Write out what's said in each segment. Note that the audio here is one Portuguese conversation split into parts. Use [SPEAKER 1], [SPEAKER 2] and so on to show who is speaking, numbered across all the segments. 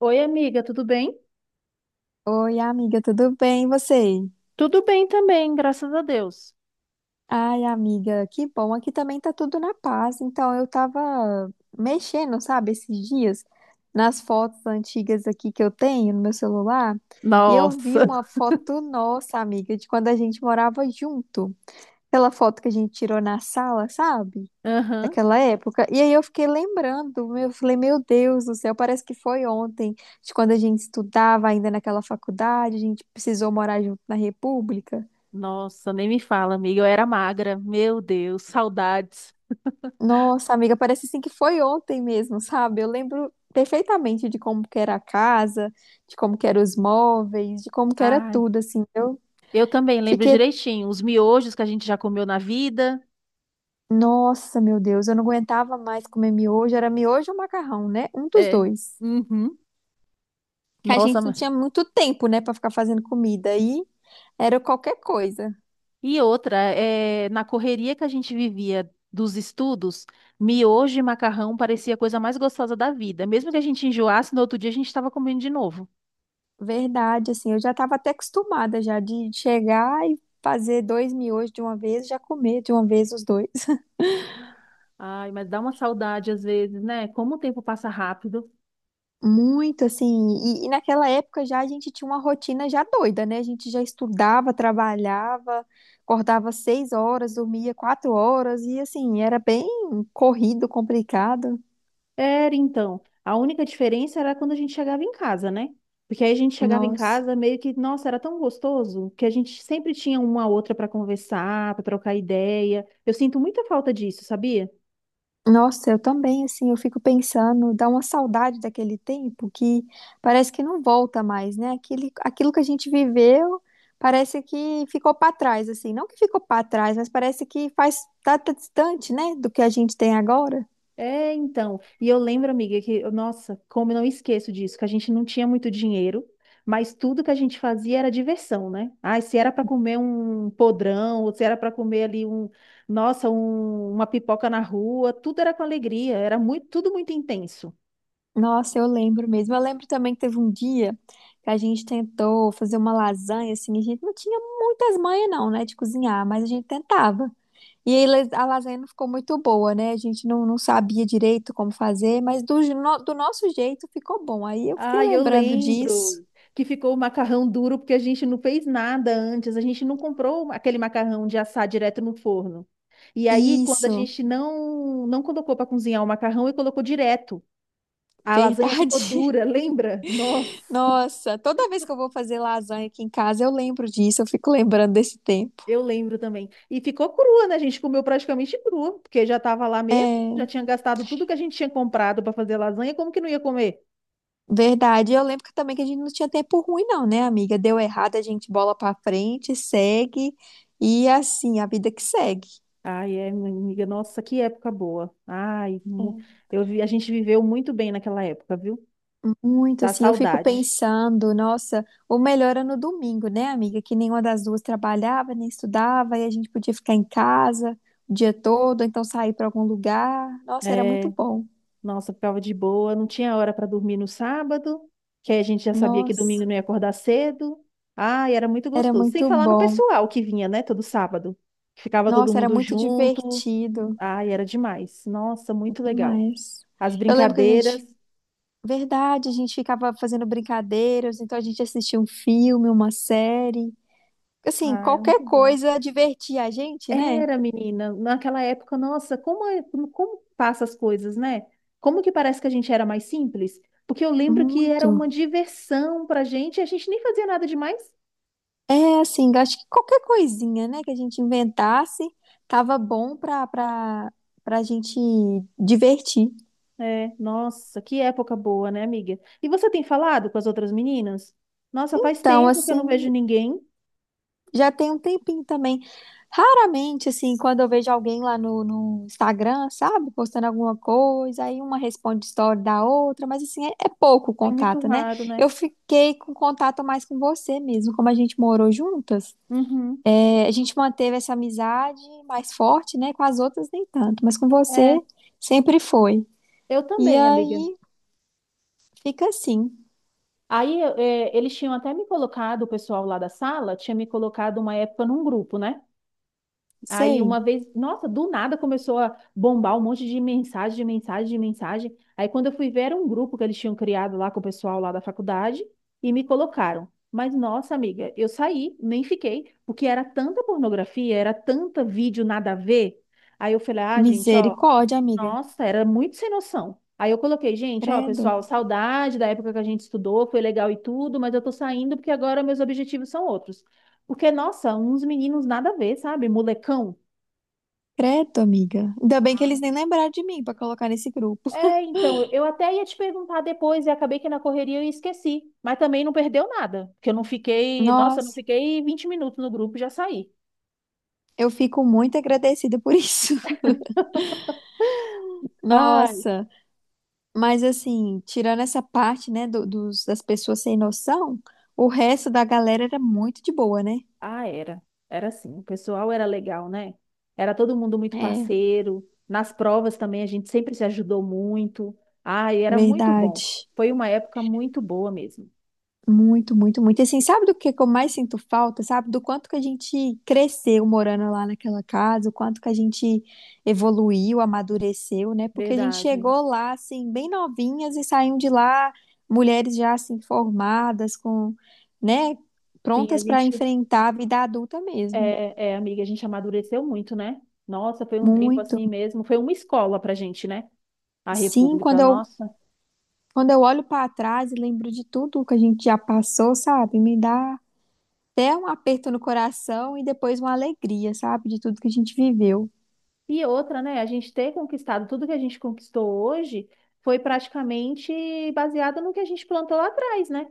[SPEAKER 1] Oi, amiga, tudo bem?
[SPEAKER 2] Oi, amiga, tudo bem? E você?
[SPEAKER 1] Tudo bem também, graças a Deus.
[SPEAKER 2] Ai, amiga, que bom. Aqui também tá tudo na paz. Então, eu tava mexendo, sabe, esses dias nas fotos antigas aqui que eu tenho no meu celular, e eu vi
[SPEAKER 1] Nossa.
[SPEAKER 2] uma foto nossa, amiga, de quando a gente morava junto. Aquela foto que a gente tirou na sala, sabe?
[SPEAKER 1] Aham.
[SPEAKER 2] Daquela época. E aí eu fiquei lembrando, eu falei, meu Deus do céu, parece que foi ontem, de quando a gente estudava ainda naquela faculdade, a gente precisou morar junto na República.
[SPEAKER 1] Nossa, nem me fala, amiga. Eu era magra. Meu Deus, saudades.
[SPEAKER 2] Nossa, amiga, parece assim que foi ontem mesmo, sabe? Eu lembro perfeitamente de como que era a casa, de como que eram os móveis, de como que era
[SPEAKER 1] Ai,
[SPEAKER 2] tudo, assim. Eu
[SPEAKER 1] eu também lembro
[SPEAKER 2] fiquei,
[SPEAKER 1] direitinho. Os miojos que a gente já comeu na vida.
[SPEAKER 2] nossa, meu Deus, eu não aguentava mais comer miojo, era miojo ou macarrão, né? Um dos
[SPEAKER 1] É.
[SPEAKER 2] dois.
[SPEAKER 1] Uhum.
[SPEAKER 2] Que a
[SPEAKER 1] Nossa,
[SPEAKER 2] gente não
[SPEAKER 1] ma-
[SPEAKER 2] tinha muito tempo, né, pra ficar fazendo comida aí, era qualquer coisa.
[SPEAKER 1] e outra, é, na correria que a gente vivia dos estudos, miojo e macarrão parecia a coisa mais gostosa da vida. Mesmo que a gente enjoasse, no outro dia a gente estava comendo de novo.
[SPEAKER 2] Verdade, assim, eu já tava até acostumada já de chegar e fazer dois miojos de uma vez, já comer de uma vez os dois.
[SPEAKER 1] Ai, mas dá uma saudade às vezes, né? Como o tempo passa rápido.
[SPEAKER 2] Muito assim, e naquela época já a gente tinha uma rotina já doida, né? A gente já estudava, trabalhava, acordava 6 horas, dormia 4 horas, e assim, era bem corrido, complicado.
[SPEAKER 1] Era então. A única diferença era quando a gente chegava em casa, né? Porque aí a gente chegava em
[SPEAKER 2] Nossa,
[SPEAKER 1] casa meio que, nossa, era tão gostoso que a gente sempre tinha uma a outra para conversar, para trocar ideia. Eu sinto muita falta disso, sabia?
[SPEAKER 2] nossa, eu também, assim, eu fico pensando, dá uma saudade daquele tempo que parece que não volta mais, né? Aquele, aquilo que a gente viveu parece que ficou para trás, assim, não que ficou para trás, mas parece que faz, tá, tá distante, né, do que a gente tem agora.
[SPEAKER 1] É, então. E eu lembro, amiga, que, nossa, como eu não esqueço disso, que a gente não tinha muito dinheiro, mas tudo que a gente fazia era diversão, né? Ai, se era para comer um podrão, ou se era para comer ali um, nossa, uma pipoca na rua, tudo era com alegria, era muito, tudo muito intenso.
[SPEAKER 2] Nossa, eu lembro mesmo. Eu lembro também que teve um dia que a gente tentou fazer uma lasanha, assim, a gente não tinha muitas manhas não, né, de cozinhar, mas a gente tentava. E aí a lasanha não ficou muito boa, né? A gente não sabia direito como fazer, mas do, je- no- do nosso jeito ficou bom. Aí eu fiquei
[SPEAKER 1] Ah, eu
[SPEAKER 2] lembrando disso.
[SPEAKER 1] lembro que ficou o macarrão duro porque a gente não fez nada antes, a gente não comprou aquele macarrão de assar direto no forno. E aí, quando a
[SPEAKER 2] Isso,
[SPEAKER 1] gente não colocou para cozinhar o macarrão e colocou direto. A lasanha ficou
[SPEAKER 2] verdade.
[SPEAKER 1] dura, lembra? Nossa,
[SPEAKER 2] Nossa, toda vez que eu vou fazer lasanha aqui em casa, eu lembro disso, eu fico lembrando desse tempo.
[SPEAKER 1] eu lembro também. E ficou crua, né? A gente comeu praticamente crua, porque já estava lá mesmo, já
[SPEAKER 2] É.
[SPEAKER 1] tinha gastado tudo que a gente tinha comprado para fazer lasanha, como que não ia comer?
[SPEAKER 2] Verdade. Eu lembro que também que a gente não tinha tempo ruim, não, né, amiga? Deu errado, a gente bola pra frente, segue. E assim, a vida que segue.
[SPEAKER 1] Ai, é, minha amiga, nossa, que época boa.
[SPEAKER 2] É.
[SPEAKER 1] Eu vi, a gente viveu muito bem naquela época, viu?
[SPEAKER 2] Muito
[SPEAKER 1] Dá
[SPEAKER 2] assim, eu fico
[SPEAKER 1] saudade.
[SPEAKER 2] pensando, nossa, o melhor era no domingo, né, amiga? Que nenhuma das duas trabalhava, nem estudava, e a gente podia ficar em casa o dia todo, ou então sair para algum lugar. Nossa, era
[SPEAKER 1] É.
[SPEAKER 2] muito bom.
[SPEAKER 1] Nossa, ficava de boa, não tinha hora para dormir no sábado, que aí a gente já sabia que domingo
[SPEAKER 2] Nossa,
[SPEAKER 1] não ia acordar cedo. Ai, era muito
[SPEAKER 2] era
[SPEAKER 1] gostoso. Sem
[SPEAKER 2] muito
[SPEAKER 1] falar no
[SPEAKER 2] bom.
[SPEAKER 1] pessoal que vinha, né, todo sábado, que ficava todo
[SPEAKER 2] Nossa, era
[SPEAKER 1] mundo
[SPEAKER 2] muito
[SPEAKER 1] junto.
[SPEAKER 2] divertido
[SPEAKER 1] Ai, era demais. Nossa, muito legal.
[SPEAKER 2] demais.
[SPEAKER 1] As
[SPEAKER 2] Eu lembro que a gente
[SPEAKER 1] brincadeiras,
[SPEAKER 2] verdade, a gente ficava fazendo brincadeiras, então a gente assistia um filme, uma série. Assim,
[SPEAKER 1] ah, era
[SPEAKER 2] qualquer
[SPEAKER 1] muito bom.
[SPEAKER 2] coisa divertia a gente, né?
[SPEAKER 1] Era, menina, naquela época, nossa, como passa as coisas, né? Como que parece que a gente era mais simples? Porque eu lembro que era uma
[SPEAKER 2] Muito.
[SPEAKER 1] diversão pra gente, e a gente nem fazia nada demais.
[SPEAKER 2] É assim, acho que qualquer coisinha, né, que a gente inventasse, tava bom pra gente divertir.
[SPEAKER 1] É, nossa, que época boa, né, amiga? E você tem falado com as outras meninas? Nossa, faz
[SPEAKER 2] Então,
[SPEAKER 1] tempo que eu não vejo
[SPEAKER 2] assim,
[SPEAKER 1] ninguém.
[SPEAKER 2] já tem um tempinho também. Raramente, assim, quando eu vejo alguém lá no Instagram, sabe, postando alguma coisa, aí uma responde story da outra, mas assim, é, é pouco o
[SPEAKER 1] É muito
[SPEAKER 2] contato, né?
[SPEAKER 1] raro, né?
[SPEAKER 2] Eu fiquei com contato mais com você mesmo, como a gente morou juntas,
[SPEAKER 1] Uhum.
[SPEAKER 2] é, a gente manteve essa amizade mais forte, né? Com as outras nem tanto, mas com você
[SPEAKER 1] É,
[SPEAKER 2] sempre foi.
[SPEAKER 1] eu
[SPEAKER 2] E
[SPEAKER 1] também, amiga.
[SPEAKER 2] aí fica assim,
[SPEAKER 1] Aí, é, eles tinham até me colocado, o pessoal lá da sala tinha me colocado uma época num grupo, né? Aí uma
[SPEAKER 2] sei,
[SPEAKER 1] vez, nossa, do nada começou a bombar um monte de mensagem, de mensagem, de mensagem. Aí quando eu fui ver, era um grupo que eles tinham criado lá com o pessoal lá da faculdade e me colocaram. Mas nossa, amiga, eu saí, nem fiquei, porque era tanta pornografia, era tanta vídeo nada a ver. Aí eu falei, ah, gente, ó,
[SPEAKER 2] misericórdia, amiga.
[SPEAKER 1] nossa, era muito sem noção. Aí eu coloquei, gente, ó,
[SPEAKER 2] Credo,
[SPEAKER 1] pessoal, saudade da época que a gente estudou, foi legal e tudo, mas eu tô saindo porque agora meus objetivos são outros. Porque, nossa, uns meninos nada a ver, sabe? Molecão.
[SPEAKER 2] credo, amiga. Ainda bem que
[SPEAKER 1] Ah,
[SPEAKER 2] eles nem lembraram de mim pra colocar nesse grupo.
[SPEAKER 1] é, então, eu até ia te perguntar depois e acabei que na correria eu esqueci. Mas também não perdeu nada, porque eu não fiquei, nossa, eu não
[SPEAKER 2] Nossa,
[SPEAKER 1] fiquei 20 minutos no grupo e já saí.
[SPEAKER 2] eu fico muito agradecida por isso.
[SPEAKER 1] Ai,
[SPEAKER 2] Nossa, mas assim, tirando essa parte, né, dos, das pessoas sem noção, o resto da galera era muito de boa, né?
[SPEAKER 1] ah, era. Era assim, o pessoal era legal, né? Era todo mundo muito
[SPEAKER 2] É,
[SPEAKER 1] parceiro. Nas provas também a gente sempre se ajudou muito. Ai, era muito bom.
[SPEAKER 2] verdade.
[SPEAKER 1] Foi uma época muito boa mesmo.
[SPEAKER 2] Muito, muito, muito. E assim, sabe do que eu mais sinto falta, sabe? Do quanto que a gente cresceu morando lá naquela casa, o quanto que a gente evoluiu, amadureceu, né? Porque a gente
[SPEAKER 1] Verdade.
[SPEAKER 2] chegou lá, assim, bem novinhas e saímos de lá, mulheres já, assim, formadas, com, né?
[SPEAKER 1] Sim, a
[SPEAKER 2] Prontas para
[SPEAKER 1] gente,
[SPEAKER 2] enfrentar a vida adulta mesmo.
[SPEAKER 1] é, é, amiga, a gente amadureceu muito, né? Nossa, foi um tempo
[SPEAKER 2] Muito.
[SPEAKER 1] assim mesmo. Foi uma escola pra gente, né? A
[SPEAKER 2] Sim,
[SPEAKER 1] República, nossa.
[SPEAKER 2] quando eu olho para trás e lembro de tudo que a gente já passou, sabe? Me dá até um aperto no coração e depois uma alegria, sabe? De tudo que a gente viveu.
[SPEAKER 1] E outra, né? A gente ter conquistado tudo que a gente conquistou hoje foi praticamente baseado no que a gente plantou lá atrás, né?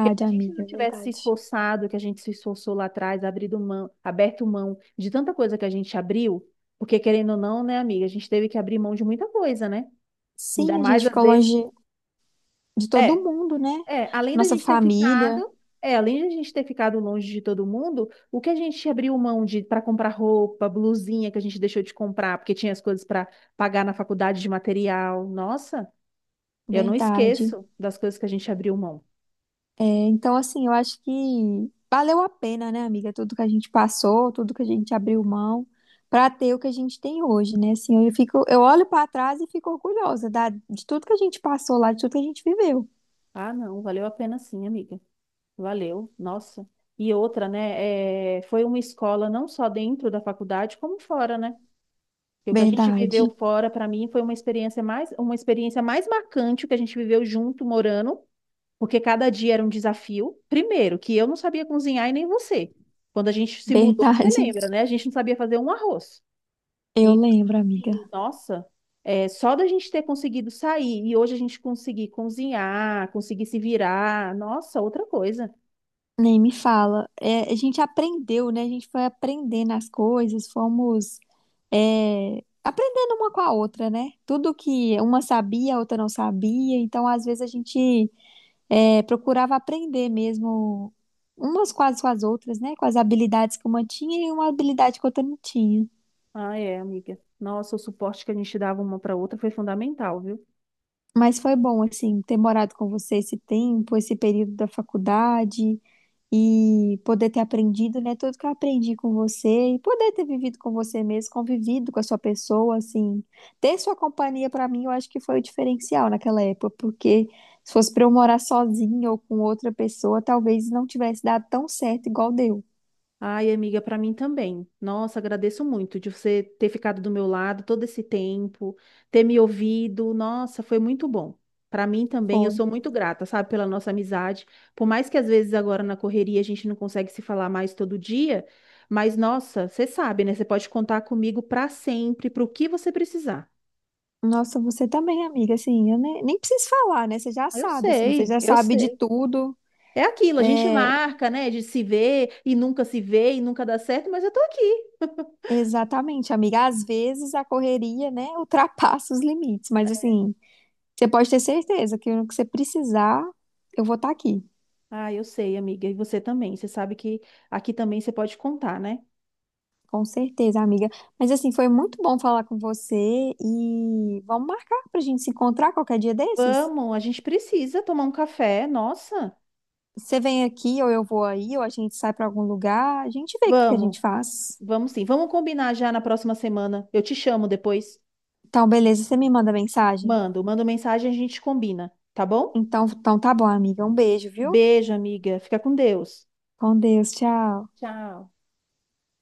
[SPEAKER 1] Porque se a gente não
[SPEAKER 2] amiga,
[SPEAKER 1] tivesse se
[SPEAKER 2] verdade.
[SPEAKER 1] esforçado, que a gente se esforçou lá atrás, abrido mão, aberto mão de tanta coisa que a gente abriu, porque querendo ou não, né, amiga, a gente teve que abrir mão de muita coisa, né? Ainda
[SPEAKER 2] Sim, a gente
[SPEAKER 1] mais às
[SPEAKER 2] ficou
[SPEAKER 1] vezes.
[SPEAKER 2] longe de
[SPEAKER 1] É.
[SPEAKER 2] todo mundo, né?
[SPEAKER 1] É, além da
[SPEAKER 2] Nossa
[SPEAKER 1] gente ter ficado,
[SPEAKER 2] família,
[SPEAKER 1] é, além da gente ter ficado longe de todo mundo, o que a gente abriu mão de para comprar roupa, blusinha que a gente deixou de comprar, porque tinha as coisas para pagar na faculdade de material. Nossa, eu não
[SPEAKER 2] verdade.
[SPEAKER 1] esqueço das coisas que a gente abriu mão.
[SPEAKER 2] É, então, assim, eu acho que valeu a pena, né, amiga? Tudo que a gente passou, tudo que a gente abriu mão para ter o que a gente tem hoje, né? Assim, eu fico, eu olho para trás e fico orgulhosa de tudo que a gente passou lá, de tudo que a gente viveu.
[SPEAKER 1] Ah, não, valeu a pena sim, amiga. Valeu, nossa. E outra, né? É, foi uma escola não só dentro da faculdade, como fora, né? Porque o que a gente viveu
[SPEAKER 2] Verdade,
[SPEAKER 1] fora, para mim, foi uma experiência mais marcante o que a gente viveu junto, morando. Porque cada dia era um desafio. Primeiro, que eu não sabia cozinhar e nem você. Quando a gente se mudou, você
[SPEAKER 2] verdade.
[SPEAKER 1] lembra, né? A gente não sabia fazer um arroz.
[SPEAKER 2] Eu
[SPEAKER 1] E,
[SPEAKER 2] lembro, amiga.
[SPEAKER 1] assim, nossa, é, só da gente ter conseguido sair e hoje a gente conseguir cozinhar, conseguir se virar, nossa, outra coisa.
[SPEAKER 2] Nem me fala. É, a gente aprendeu, né? A gente foi aprendendo as coisas, fomos é, aprendendo uma com a outra, né? Tudo que uma sabia, a outra não sabia. Então, às vezes, a gente é, procurava aprender mesmo umas quase com as outras, né? Com as habilidades que uma tinha e uma habilidade que a outra não tinha.
[SPEAKER 1] Ah, é, amiga. Nossa, o suporte que a gente dava uma para outra foi fundamental, viu?
[SPEAKER 2] Mas foi bom, assim, ter morado com você esse tempo, esse período da faculdade. E poder ter aprendido, né, tudo que eu aprendi com você e poder ter vivido com você mesmo, convivido com a sua pessoa, assim, ter sua companhia pra mim, eu acho que foi o diferencial naquela época, porque se fosse pra eu morar sozinha ou com outra pessoa, talvez não tivesse dado tão certo igual deu.
[SPEAKER 1] Ai, amiga, para mim também. Nossa, agradeço muito de você ter ficado do meu lado todo esse tempo, ter me ouvido. Nossa, foi muito bom. Para mim também, eu
[SPEAKER 2] Foi.
[SPEAKER 1] sou muito grata, sabe, pela nossa amizade. Por mais que às vezes agora na correria a gente não consegue se falar mais todo dia, mas nossa, você sabe, né? Você pode contar comigo para sempre, para o que você precisar.
[SPEAKER 2] Nossa, você também, amiga, assim, eu nem preciso falar, né? Você já
[SPEAKER 1] Eu
[SPEAKER 2] sabe, assim, você
[SPEAKER 1] sei,
[SPEAKER 2] já
[SPEAKER 1] eu
[SPEAKER 2] sabe de
[SPEAKER 1] sei.
[SPEAKER 2] tudo.
[SPEAKER 1] É aquilo, a gente marca, né, de se ver e nunca se vê e nunca dá certo, mas eu tô aqui.
[SPEAKER 2] Exatamente, amiga. Às vezes a correria, né, ultrapassa os limites, mas assim, você pode ter certeza que no que você precisar, eu vou estar aqui.
[SPEAKER 1] Ah, eu sei, amiga. E você também. Você sabe que aqui também você pode contar, né?
[SPEAKER 2] Com certeza, amiga. Mas assim, foi muito bom falar com você e vamos marcar pra gente se encontrar qualquer dia desses?
[SPEAKER 1] Vamos, a gente precisa tomar um café. Nossa,
[SPEAKER 2] Você vem aqui ou eu vou aí, ou a gente sai pra algum lugar, a gente vê o que que a
[SPEAKER 1] vamos,
[SPEAKER 2] gente faz.
[SPEAKER 1] vamos sim. Vamos combinar já na próxima semana. Eu te chamo depois.
[SPEAKER 2] Então, beleza, você me manda mensagem?
[SPEAKER 1] Mando, mando mensagem, a gente combina, tá bom?
[SPEAKER 2] Então, então tá bom, amiga. Um beijo, viu?
[SPEAKER 1] Beijo, amiga. Fica com Deus.
[SPEAKER 2] Com Deus, tchau.
[SPEAKER 1] Tchau.